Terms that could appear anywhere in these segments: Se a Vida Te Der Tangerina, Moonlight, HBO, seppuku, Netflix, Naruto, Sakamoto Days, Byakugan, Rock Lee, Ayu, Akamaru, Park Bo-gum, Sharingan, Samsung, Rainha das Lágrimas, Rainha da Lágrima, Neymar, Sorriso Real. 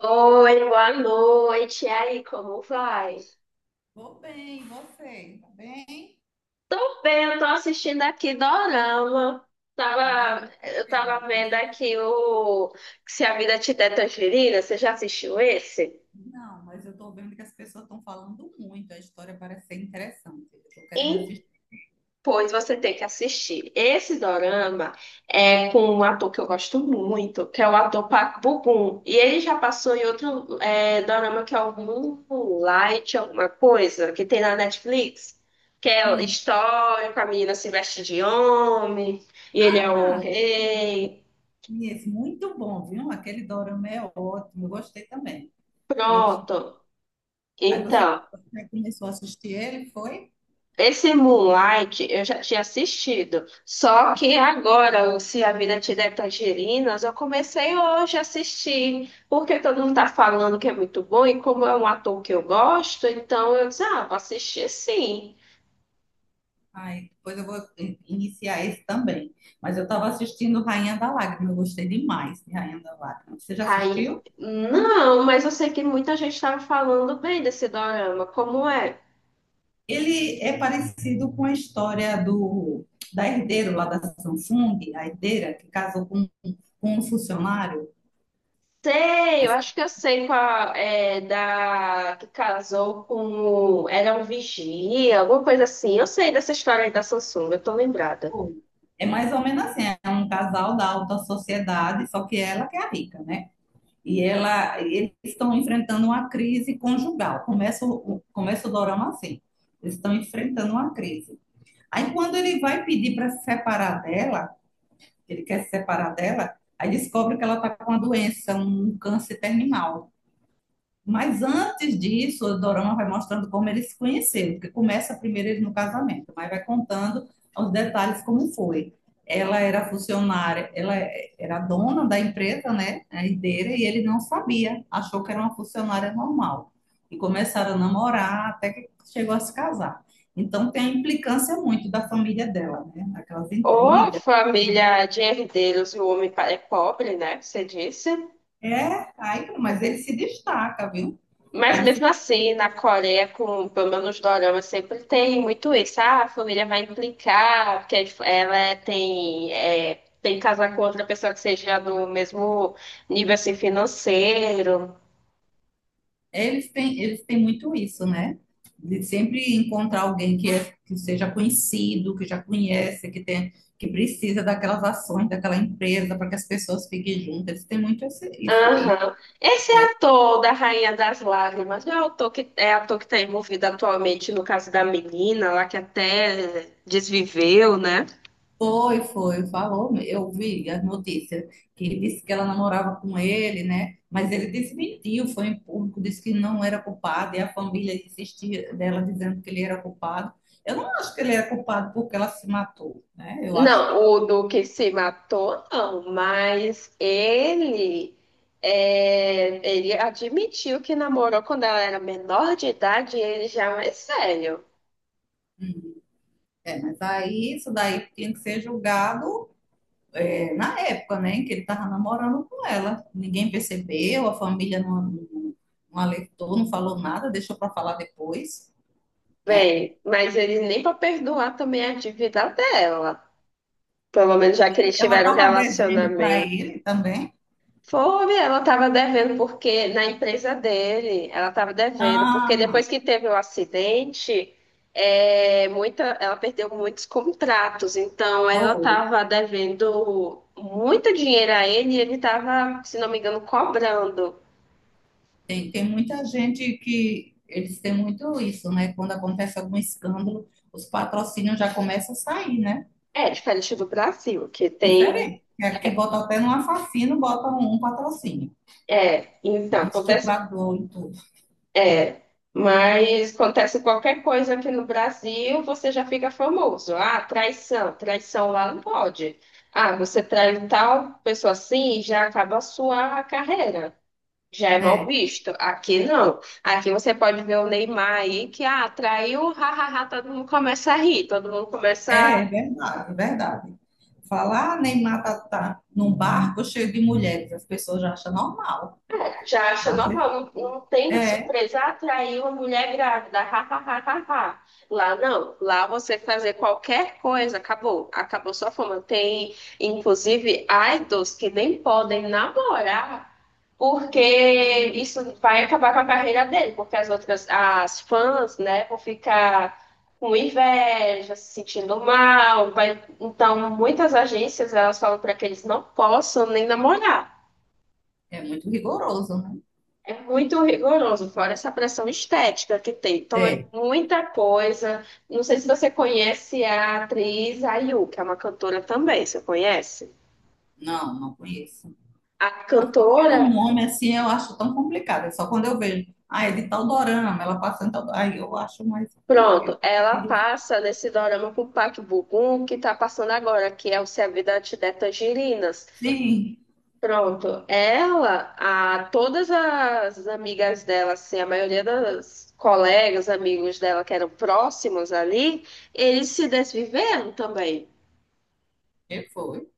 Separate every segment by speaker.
Speaker 1: Oi, boa noite. E aí, como vai?
Speaker 2: Vou bem, você? Tá bem?
Speaker 1: Tô bem, eu tô assistindo aqui Dorama.
Speaker 2: Ah,
Speaker 1: Tava,
Speaker 2: tô
Speaker 1: eu
Speaker 2: bem.
Speaker 1: tava vendo aqui o Se a Vida Te Der Tangerina. Você já assistiu esse?
Speaker 2: Não, mas eu tô vendo que as pessoas estão falando muito. A história parece ser interessante. Eu tô querendo assistir.
Speaker 1: Pois você tem que assistir. Esse dorama é com um ator que eu gosto muito, que é o ator Park Bo-gum. E ele já passou em outro dorama que é o Moonlight, alguma coisa, que tem na Netflix, que é
Speaker 2: Sim.
Speaker 1: histórico, a menina se veste de homem, e ele é o
Speaker 2: Ah,
Speaker 1: rei.
Speaker 2: e esse muito bom, viu? Aquele dorama é ótimo. Eu gostei também. Eu gostei.
Speaker 1: Pronto.
Speaker 2: Aí
Speaker 1: Então,
Speaker 2: você começou a assistir ele, foi?
Speaker 1: esse Moonlight eu já tinha assistido, só que agora, o Se a Vida Te Der Tangerinas, eu comecei hoje a assistir, porque todo mundo tá falando que é muito bom, e como é um ator que eu gosto, então eu disse, ah, vou assistir sim.
Speaker 2: Aí depois eu vou iniciar esse também. Mas eu estava assistindo Rainha da Lágrima. Eu gostei demais de Rainha da Lágrima. Você já
Speaker 1: Aí,
Speaker 2: assistiu?
Speaker 1: não, mas eu sei que muita gente estava falando bem desse dorama, como é?
Speaker 2: Ele é parecido com a história do da herdeira lá da Samsung, a herdeira que casou com um funcionário
Speaker 1: Sei, eu
Speaker 2: da
Speaker 1: acho que eu sei qual é da que casou era um vigia, alguma coisa assim. Eu sei dessa história aí da Samsung, eu tô lembrada.
Speaker 2: Samsung. É mais ou menos assim, é um casal da alta sociedade, só que ela que é a rica, né? E ela, eles estão enfrentando uma crise conjugal. Começa o dorama assim. Eles estão enfrentando uma crise. Aí quando ele vai pedir para se separar dela, ele quer se separar dela, aí descobre que ela está com uma doença, um câncer terminal. Mas antes disso, o dorama vai mostrando como eles se conheceram, porque começa primeiro ele no casamento, mas vai contando os detalhes como foi. Ela era funcionária, ela era dona da empresa, né, a herdeira, e ele não sabia, achou que era uma funcionária normal. E começaram a namorar até que chegou a se casar. Então tem a implicância muito da família dela, né, aquelas
Speaker 1: Ô,
Speaker 2: intrigas.
Speaker 1: família de herdeiros, o homem é pobre, né? Você disse.
Speaker 2: É, aí, mas ele se destaca, viu?
Speaker 1: Mas
Speaker 2: Ele se
Speaker 1: mesmo assim, na Coreia, com pelo menos dorama, sempre tem muito isso. Ah, a família vai implicar, porque ela tem que casar com outra pessoa que seja do mesmo nível assim, financeiro.
Speaker 2: Eles têm muito isso, né? De sempre encontrar alguém que, é, que seja conhecido, que já conhece, que tem, que precisa daquelas ações daquela empresa para que as pessoas fiquem juntas. Eles têm muito isso aí,
Speaker 1: Aham. Esse
Speaker 2: né?
Speaker 1: ator da Rainha das Lágrimas não é ator que está envolvido atualmente no caso da menina lá que até desviveu, né?
Speaker 2: Foi, foi, falou. Eu vi as notícias que ele disse que ela namorava com ele, né? Mas ele desmentiu, foi em público, disse que não era culpado e a família insistia dela dizendo que ele era culpado. Eu não acho que ele era culpado porque ela se matou, né? Eu acho que
Speaker 1: Não, o do que se matou, não, mas ele admitiu que namorou quando ela era menor de idade e ele já é mais sério.
Speaker 2: é, mas aí isso daí tinha que ser julgado é, na época, né, em que ele estava namorando com ela. Ninguém percebeu, a família não alertou, não falou nada, deixou para falar depois, né?
Speaker 1: Bem, mas ele nem para perdoar também a dívida dela. Pelo menos já que eles
Speaker 2: Ela
Speaker 1: tiveram um
Speaker 2: estava devendo para
Speaker 1: relacionamento.
Speaker 2: ele também.
Speaker 1: Foi, ela estava devendo porque na empresa dele, ela estava devendo porque
Speaker 2: Ah,
Speaker 1: depois que teve o acidente, ela perdeu muitos contratos, então ela
Speaker 2: foi.
Speaker 1: estava devendo muito dinheiro a ele e ele estava, se não me engano, cobrando.
Speaker 2: Tem, tem muita gente que eles têm muito isso, né? Quando acontece algum escândalo, os patrocínios já começam a sair, né?
Speaker 1: É diferente do Brasil, que tem.
Speaker 2: Diferente. Aqui bota até no assassino, bota um patrocínio.
Speaker 1: É, então,
Speaker 2: Um
Speaker 1: acontece.
Speaker 2: estuprador,
Speaker 1: É, mas acontece qualquer coisa aqui no Brasil, você já fica famoso. Ah, traição, traição lá não pode. Ah, você trai tal pessoa assim, já acaba a sua carreira. Já é mal
Speaker 2: é,
Speaker 1: visto. Aqui não. Aqui você pode ver o Neymar aí que ah, traiu, hahaha, todo mundo começa a rir, todo mundo começa.
Speaker 2: é verdade, é verdade. Falar Neymar tá, tá num barco cheio de mulheres, as pessoas já acham normal.
Speaker 1: Já acha
Speaker 2: Tá?
Speaker 1: normal, não, não tem de
Speaker 2: É,
Speaker 1: surpresa atrair uma mulher grávida, ha, ha, ha, ha, ha. Lá não, lá você fazer qualquer coisa, acabou, acabou sua fama. Tem, inclusive, idols que nem podem namorar, porque isso vai acabar com a carreira dele, porque as outras, as fãs, né, vão ficar com inveja, se sentindo mal. Então, muitas agências, elas falam para que eles não possam nem namorar.
Speaker 2: é muito rigoroso, né?
Speaker 1: É muito rigoroso, fora essa pressão estética que tem. Então é
Speaker 2: É,
Speaker 1: muita coisa. Não sei se você conhece a atriz Ayu, que é uma cantora também, você conhece?
Speaker 2: não, não conheço.
Speaker 1: A
Speaker 2: Assim,
Speaker 1: cantora,
Speaker 2: pelo nome, assim, eu acho tão complicado. É só quando eu vejo, ah, é de tal dorama, ela passa em tal... Aí eu acho mais...
Speaker 1: pronto, ela passa nesse dorama com o Park Bo-gum, que tá passando agora, que é o Se a Vida Te Der Tangerinas.
Speaker 2: Sim,
Speaker 1: Pronto, todas as amigas dela, assim, a maioria das colegas, amigos dela que eram próximos ali, eles se desviveram também.
Speaker 2: que foi.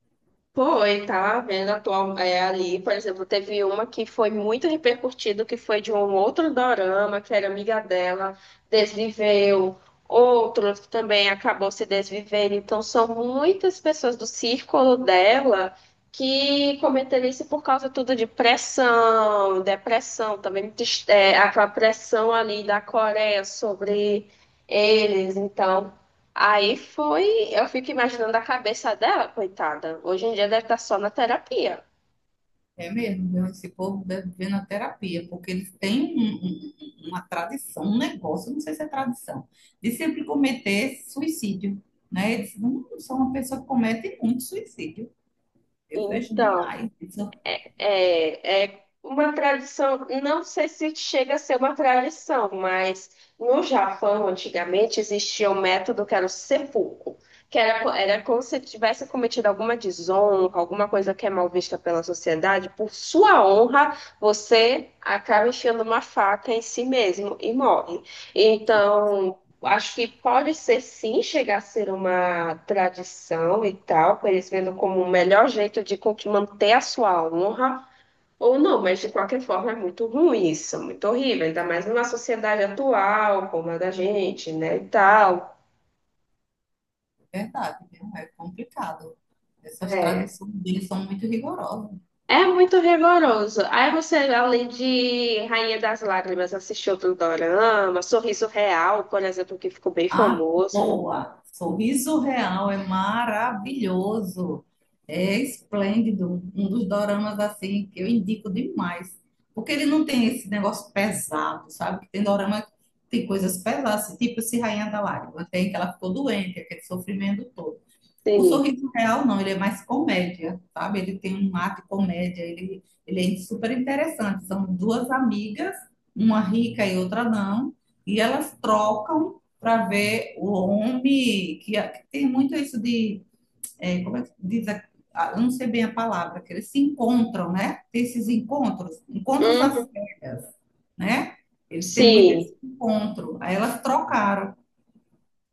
Speaker 1: Foi, tá vendo atual, ali, por exemplo, teve uma que foi muito repercutida, que foi de um outro dorama, que era amiga dela, desviveu, outro que também acabou se desvivendo. Então, são muitas pessoas do círculo dela que cometeram isso por causa tudo de pressão, depressão, também aquela pressão ali da Coreia sobre eles. Então, aí foi, eu fico imaginando a cabeça dela, coitada. Hoje em dia deve estar só na terapia.
Speaker 2: É mesmo, viu? Esse povo deve viver na terapia, porque eles têm uma tradição, um negócio, não sei se é tradição, de sempre cometer suicídio, né? Eles não são uma pessoa que comete muito suicídio. Eu vejo
Speaker 1: Então,
Speaker 2: demais. Isso,
Speaker 1: é uma tradição, não sei se chega a ser uma tradição, mas no Japão, antigamente, existia um método que era o seppuku, que era como se tivesse cometido alguma desonra, alguma coisa que é mal vista pela sociedade, por sua honra, você acaba enfiando uma faca em si mesmo e morre.
Speaker 2: não,
Speaker 1: Então, acho que pode ser sim chegar a ser uma tradição e tal, para eles vendo como o melhor jeito de manter a sua honra, ou não, mas de qualquer forma é muito ruim isso, é muito horrível, ainda mais numa sociedade atual como a da gente, né, e tal.
Speaker 2: é verdade, viu? É complicado. Essas
Speaker 1: É,
Speaker 2: tradições deles são muito rigorosas.
Speaker 1: é muito rigoroso. Aí você, além de Rainha das Lágrimas, assistiu outro dorama, Sorriso Real, por exemplo, que ficou bem
Speaker 2: Ah,
Speaker 1: famoso.
Speaker 2: boa! Sorriso Real é maravilhoso, é esplêndido, um dos doramas assim que eu indico demais, porque ele não tem esse negócio pesado, sabe? Que tem dorama que tem coisas pesadas, tipo esse Rainha da Lágrima, tem que ela ficou doente, aquele sofrimento todo. O
Speaker 1: Sim.
Speaker 2: Sorriso Real não, ele é mais comédia, sabe? Ele tem um ar de comédia, ele é super interessante. São duas amigas, uma rica e outra não, e elas trocam para ver o homem, que tem muito isso de, é, como é que diz, eu não sei bem a palavra, que eles se encontram, né? Tem esses encontros, encontros às
Speaker 1: Uhum.
Speaker 2: cegas, né? Eles têm muito esse
Speaker 1: Sim.
Speaker 2: encontro. Aí elas trocaram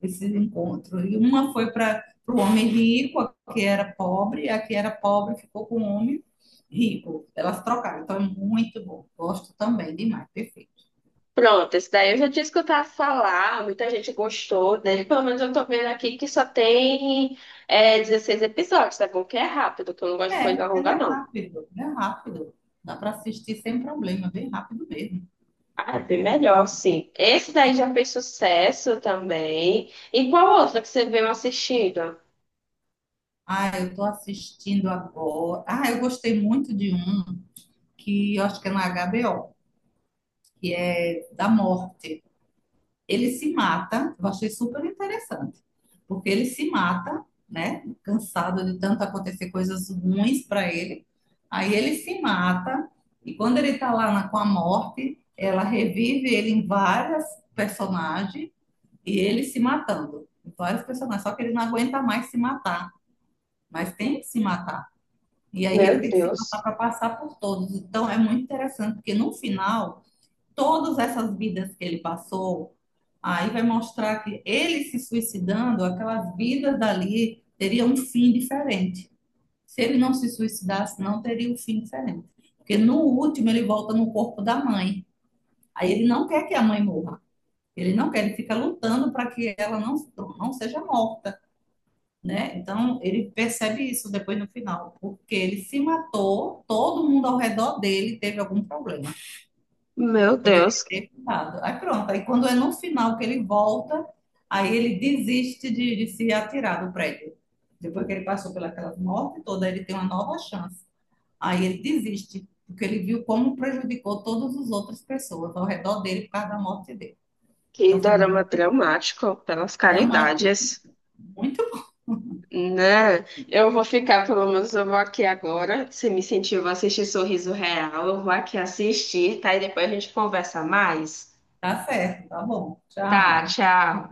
Speaker 2: esses encontros. E uma foi para o homem rico, a que era pobre, a que era pobre ficou com o homem rico. Elas trocaram, então é muito bom. Gosto também demais, perfeito.
Speaker 1: Pronto, esse daí eu já tinha escutado falar, muita gente gostou dele. Pelo menos eu tô vendo aqui que só tem 16 episódios, tá bom? Que é rápido, que eu não gosto de
Speaker 2: É,
Speaker 1: coisa
Speaker 2: ela
Speaker 1: longa,
Speaker 2: é
Speaker 1: não.
Speaker 2: rápido, é rápido. Dá para assistir sem problema, é bem rápido mesmo.
Speaker 1: Ah, é bem melhor, sim. Esse daí já fez sucesso também. E qual outra que você veio assistindo?
Speaker 2: Ah, eu estou assistindo agora. Ah, eu gostei muito de um que eu acho que é na HBO, que é da morte. Ele se mata, eu achei super interessante, porque ele se mata, né? Cansado de tanto acontecer coisas ruins para ele. Aí ele se mata, e quando ele tá lá com a morte, ela revive ele em várias personagens e ele se matando. Em vários personagens, só que ele não aguenta mais se matar, mas tem que se matar. E aí ele
Speaker 1: Meu
Speaker 2: tem que se matar
Speaker 1: Deus.
Speaker 2: para passar por todos. Então é muito interessante, porque no final, todas essas vidas que ele passou, aí vai mostrar que ele se suicidando, aquelas vidas dali teria um fim diferente. Se ele não se suicidasse, não teria um fim diferente. Porque no último ele volta no corpo da mãe. Aí ele não quer que a mãe morra. Ele não quer, ele fica lutando para que ela não, não seja morta, né? Então ele percebe isso depois no final, porque ele se matou, todo mundo ao redor dele teve algum problema
Speaker 1: Meu
Speaker 2: que poderia
Speaker 1: Deus,
Speaker 2: ter ficado. Aí pronto, aí quando é no final que ele volta, aí ele desiste de se atirar do prédio. Depois que ele passou pelaquela morte toda, ele tem uma nova chance. Aí ele desiste, porque ele viu como prejudicou todas as outras pessoas ao redor dele por causa da morte dele.
Speaker 1: que
Speaker 2: Então foi
Speaker 1: dorama
Speaker 2: muito
Speaker 1: dramático pelas
Speaker 2: dramático,
Speaker 1: caridades.
Speaker 2: muito bom.
Speaker 1: Né? Eu vou ficar, pelo menos eu vou aqui agora. Você me incentiva a assistir Sorriso Real. Eu vou aqui assistir, tá? E depois a gente conversa mais.
Speaker 2: Tá certo, tá bom.
Speaker 1: Tá,
Speaker 2: Tchau.
Speaker 1: tchau.